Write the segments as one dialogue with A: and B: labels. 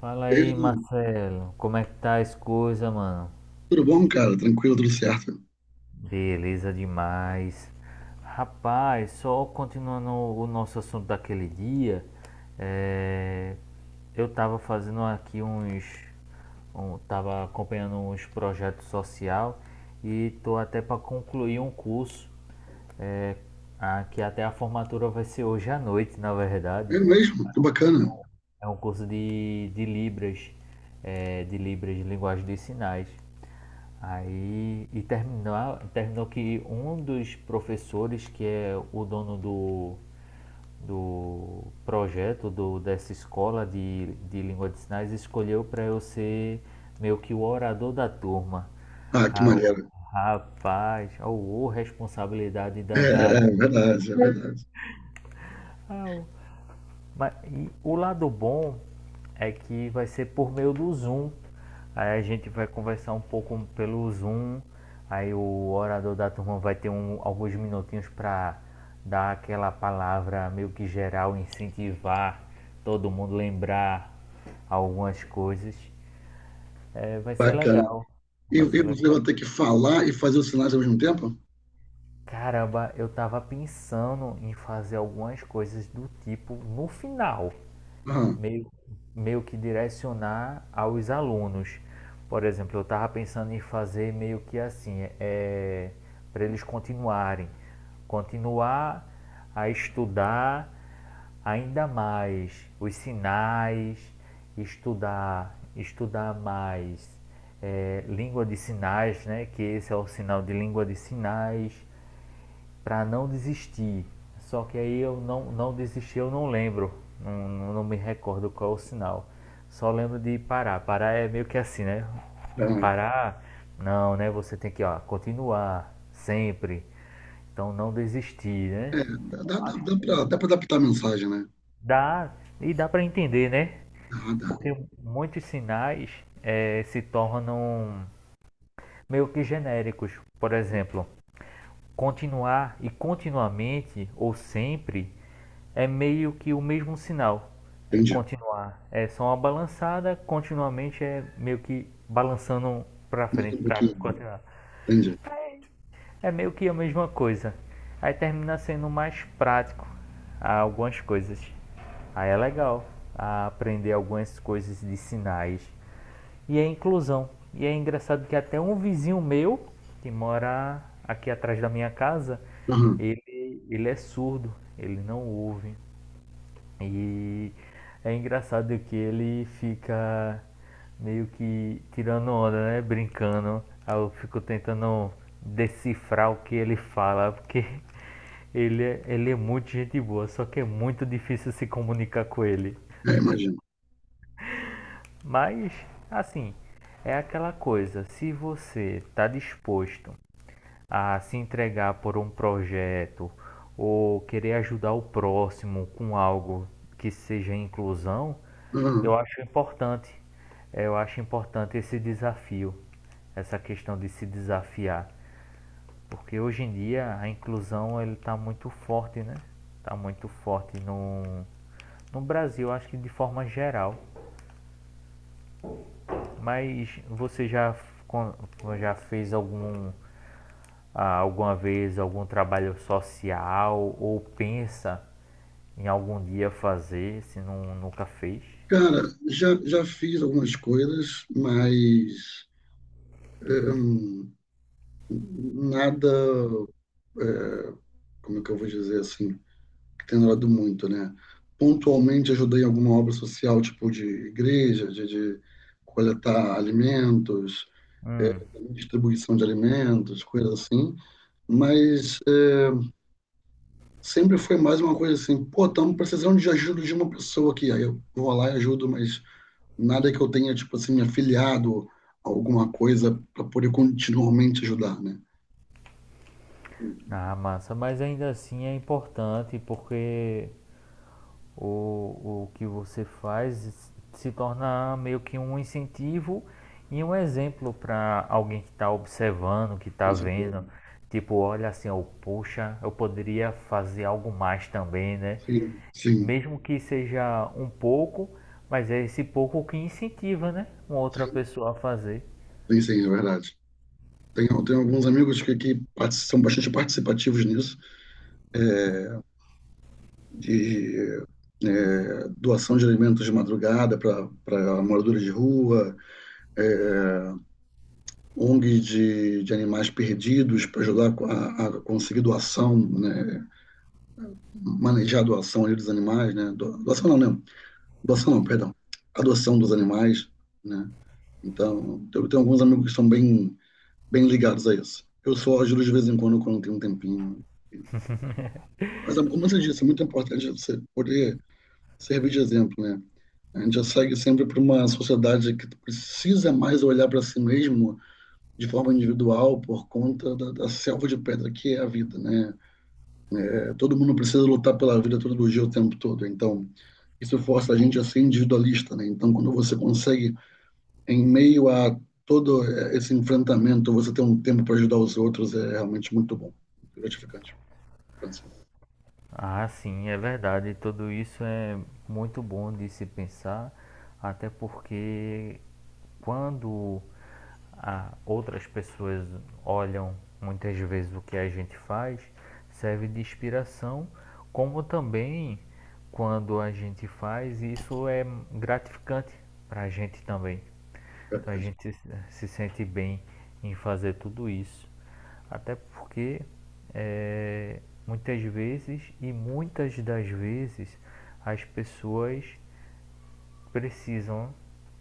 A: Fala aí,
B: Eu,
A: Marcelo. Como é que tá as coisas, mano?
B: tudo bom, cara? Tranquilo, tudo certo.
A: Beleza demais. Rapaz, só continuando o nosso assunto daquele dia, é, eu tava fazendo aqui uns, tava acompanhando uns projetos social e tô até para concluir um curso, que até a formatura vai ser hoje à noite, na verdade.
B: É mesmo, que bacana.
A: Então, é um curso de Libras, de Libras, de Linguagem dos Sinais. Aí, e terminou que um dos professores, que é o dono do projeto dessa escola de língua de sinais, escolheu para eu ser meio que o orador da turma.
B: Ah, que
A: Ah, o-
B: maneiro.
A: Rapaz, oh, responsabilidade
B: É,
A: danada.
B: é verdade, é verdade.
A: Ah, mas, e o lado bom é que vai ser por meio do Zoom. Aí a gente vai conversar um pouco pelo Zoom. Aí o orador da turma vai ter alguns minutinhos para dar aquela palavra meio que geral, incentivar todo mundo lembrar algumas coisas. É, vai ser
B: Bacana.
A: legal.
B: E,
A: Vai
B: e
A: ser
B: você vai
A: legal.
B: ter que falar e fazer os sinais ao mesmo tempo?
A: Caramba, eu tava pensando em fazer algumas coisas do tipo no final.
B: Ah,
A: meio, meio que direcionar aos alunos. Por exemplo, eu estava pensando em fazer meio que assim, para eles continuarem, continuar a estudar ainda mais os sinais, estudar mais língua de sinais, né? Que esse é o sinal de língua de sinais para não desistir. Só que aí eu não desisti, eu não lembro, não me recordo qual é o sinal. Só lembro de parar. Parar é meio que assim, né?
B: ah,
A: Parar, não, né? Você tem que, ó, continuar sempre. Então não desistir, né?
B: é, dá,
A: Então,
B: dá, dá,
A: acho
B: dá
A: que
B: pra, dá pra adaptar a mensagem, né?
A: dá e dá para entender, né?
B: Ah, dá.
A: Porque muitos sinais se tornam meio que genéricos. Por exemplo, continuar e continuamente ou sempre é meio que o mesmo sinal. É,
B: Entendi.
A: continuar é só uma balançada, continuamente é meio que balançando para
B: Muda
A: frente
B: um
A: para
B: pouquinho.
A: continuar.
B: Entendi.
A: É meio que a mesma coisa. Aí termina sendo mais prático algumas coisas. Aí é legal aprender algumas coisas de sinais e a inclusão. E é engraçado que até um vizinho meu, que mora aqui atrás da minha casa,
B: Aham.
A: ele é surdo, ele não ouve. E é engraçado que ele fica meio que tirando onda, né? Brincando. Aí eu fico tentando decifrar o que ele fala, porque ele é muito gente boa, só que é muito difícil se comunicar com ele.
B: É, imagino.
A: Mas, assim, é aquela coisa, se você está disposto a se entregar por um projeto ou querer ajudar o próximo com algo que seja inclusão,
B: Aham.
A: eu acho importante. Eu acho importante esse desafio, essa questão de se desafiar, porque hoje em dia a inclusão ele está muito forte, né? Está muito forte no Brasil, acho que de forma geral. Mas você já fez algum, alguma vez algum trabalho social ou pensa em algum dia fazer, se não, nunca fez?
B: Cara, já fiz algumas coisas, mas nada, como é que eu vou dizer assim? Tenho orado muito, né? Pontualmente ajudei em alguma obra social, tipo de igreja, de coletar alimentos, é,
A: Hum,
B: distribuição de alimentos, coisas assim, mas sempre foi mais uma coisa assim, pô, estamos precisando de ajuda de uma pessoa aqui, aí eu vou lá e ajudo, mas nada que eu tenha, tipo assim, me afiliado a alguma coisa para poder continuamente ajudar, né?
A: ah, massa, mas ainda assim é importante porque o que você faz se torna meio que um incentivo e um exemplo para alguém que está observando, que está
B: Isso é
A: vendo.
B: tudo.
A: Tipo, olha assim, oh, poxa, eu poderia fazer algo mais também, né?
B: Sim, sim,
A: Mesmo que seja um pouco, mas é esse pouco que incentiva, né? Uma outra pessoa a fazer.
B: sim, sim, é verdade. Tenho alguns amigos que são bastante participativos nisso, de doação de alimentos de madrugada para moradores de rua, é, ONG de animais perdidos para ajudar a conseguir doação, né, manejar a doação dos animais, né, doação não, não, doação não, perdão, adoção dos animais, né, então eu tenho alguns amigos que estão bem, bem ligados a isso. Eu só ajudo de vez em quando, quando tem um tempinho. Mas, como você disse, é muito importante você poder servir de exemplo, né? A gente já segue sempre para uma sociedade que precisa mais olhar para si mesmo de forma individual por conta da selva de pedra que é a vida, né? É, todo mundo precisa lutar pela vida todo dia, o tempo todo. Então, isso força a gente a ser individualista, né? Então, quando você consegue, em meio a todo esse enfrentamento, você ter um tempo para ajudar os outros, é realmente muito bom, gratificante. Então.
A: Ah, sim, é verdade. Tudo isso é muito bom de se pensar, até porque quando outras pessoas olham muitas vezes o que a gente faz, serve de inspiração, como também quando a gente faz, isso é gratificante para a gente também.
B: É,
A: Então a gente se sente bem em fazer tudo isso. Até porque é, muitas vezes e muitas das vezes as pessoas precisam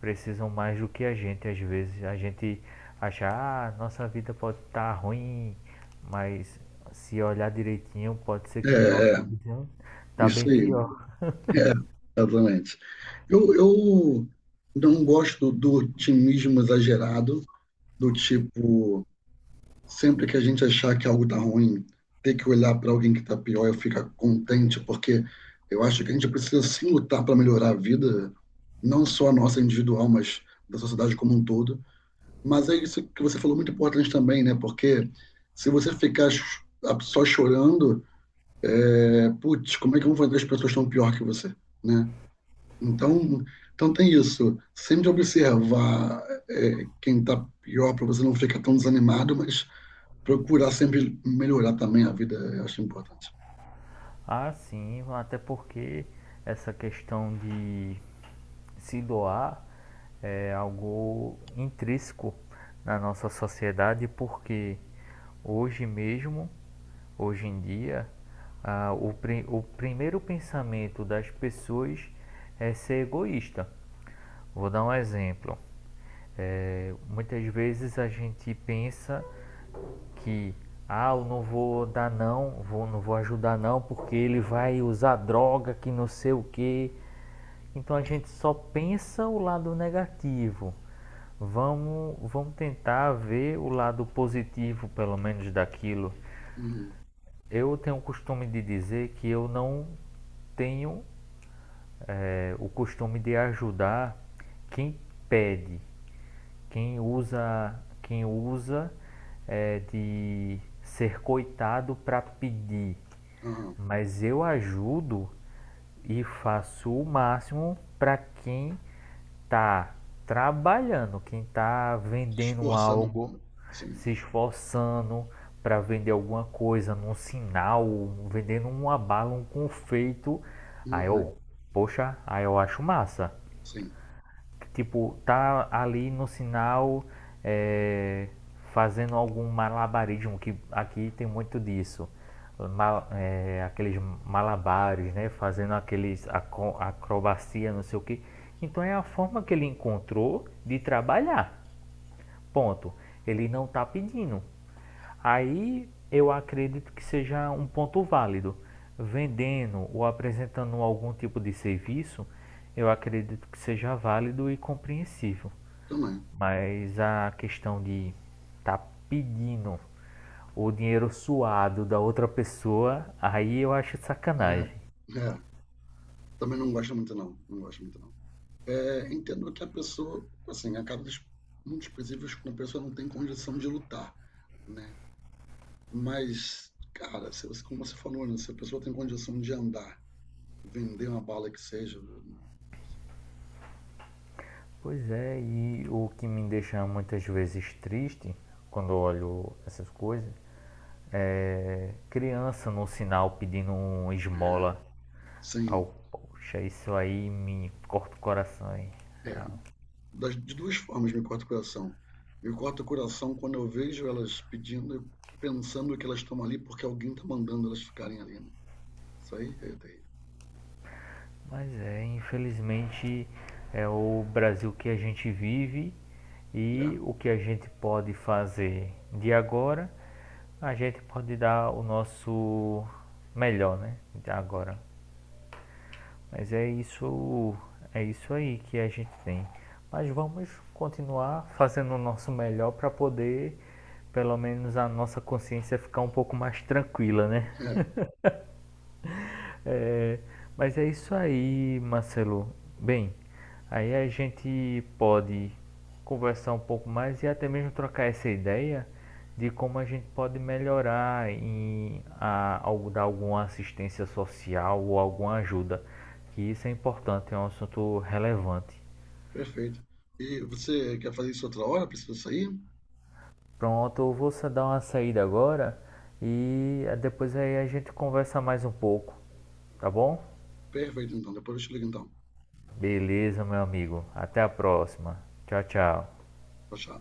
A: precisam mais do que a gente, às vezes a gente acha, ah, nossa vida pode estar ruim, mas se olhar direitinho pode ser
B: é,
A: que nossa
B: é,
A: vida está
B: isso
A: bem
B: aí.
A: pior.
B: É, exatamente. Eu não gosto do otimismo exagerado, do tipo, sempre que a gente achar que algo tá ruim, ter que olhar para alguém que tá pior e ficar contente, porque eu acho que a gente precisa sim lutar para melhorar a vida, não só a nossa individual, mas da sociedade como um todo. Mas é isso que você falou, muito importante também, né? Porque se você ficar só chorando, putz, como é que vão fazer as pessoas tão pior que você, né? Então, então tem isso. Sempre observar quem está pior para você não ficar tão desanimado, mas procurar sempre melhorar também a vida, eu acho importante.
A: Ah, sim, até porque essa questão de se doar é algo intrínseco na nossa sociedade, porque hoje mesmo, hoje em dia, o primeiro pensamento das pessoas é ser egoísta. Vou dar um exemplo. É, muitas vezes a gente pensa que, ah, eu não vou dar não, não vou ajudar não, porque ele vai usar droga, que não sei o que. Então a gente só pensa o lado negativo. Vamos tentar ver o lado positivo, pelo menos daquilo.
B: Uhum.
A: Eu tenho o costume de dizer que eu não tenho o costume de ajudar quem pede. Quem usa, quem usa de ser coitado para pedir,
B: Aham.
A: mas eu ajudo e faço o máximo para quem está trabalhando, quem está vendendo
B: Esforçando.
A: algo,
B: Sim.
A: se esforçando para vender alguma coisa, num sinal, vendendo uma bala, um confeito. Aí
B: Uhum.
A: eu, poxa, aí eu acho massa,
B: Sim.
A: tipo, tá ali no sinal é, fazendo algum malabarismo, que aqui tem muito disso. Aqueles malabares, né? Fazendo aqueles acrobacia, não sei o que. Então é a forma que ele encontrou de trabalhar. Ponto. Ele não está pedindo. Aí eu acredito que seja um ponto válido. Vendendo ou apresentando algum tipo de serviço, eu acredito que seja válido e compreensível.
B: Também.
A: Mas a questão de tá pedindo o dinheiro suado da outra pessoa, aí eu acho sacanagem.
B: É. É. Também não gosto muito, não. Não gosto muito, não. É, entendo que a pessoa, assim, acaba casos muito específicos quando a pessoa não tem condição de lutar, né? Mas, cara, se você, como você falou, né? Se a pessoa tem condição de andar, vender uma bala que seja,
A: Pois é, e o que me deixa muitas vezes triste quando eu olho essas coisas criança no sinal pedindo um
B: é,
A: esmola.
B: sem.
A: Ao, poxa, isso aí me corta o coração. Hein?
B: É, das, de duas formas me corta o coração. Me corta o coração quando eu vejo elas pedindo, pensando que elas estão ali porque alguém está mandando elas ficarem ali, né? Isso aí é terrível.
A: Mas é, infelizmente, é o Brasil que a gente vive e o que a gente pode fazer de agora, a gente pode dar o nosso melhor, né? De agora. Mas é isso aí que a gente tem. Mas vamos continuar fazendo o nosso melhor para poder, pelo menos a nossa consciência ficar um pouco mais tranquila, né?
B: É, é,
A: É, mas é isso aí, Marcelo. Bem, aí a gente pode conversar um pouco mais e até mesmo trocar essa ideia de como a gente pode melhorar dar alguma assistência social ou alguma ajuda, que isso é importante, é um assunto relevante.
B: perfeito. E você quer fazer isso outra hora? Precisa sair?
A: Pronto, eu vou só dar uma saída agora e depois aí a gente conversa mais um pouco, tá bom?
B: Perfeito, então. Depois eu te ligo, então.
A: Beleza, meu amigo. Até a próxima. Tchau, tchau.
B: Tchau, tchau.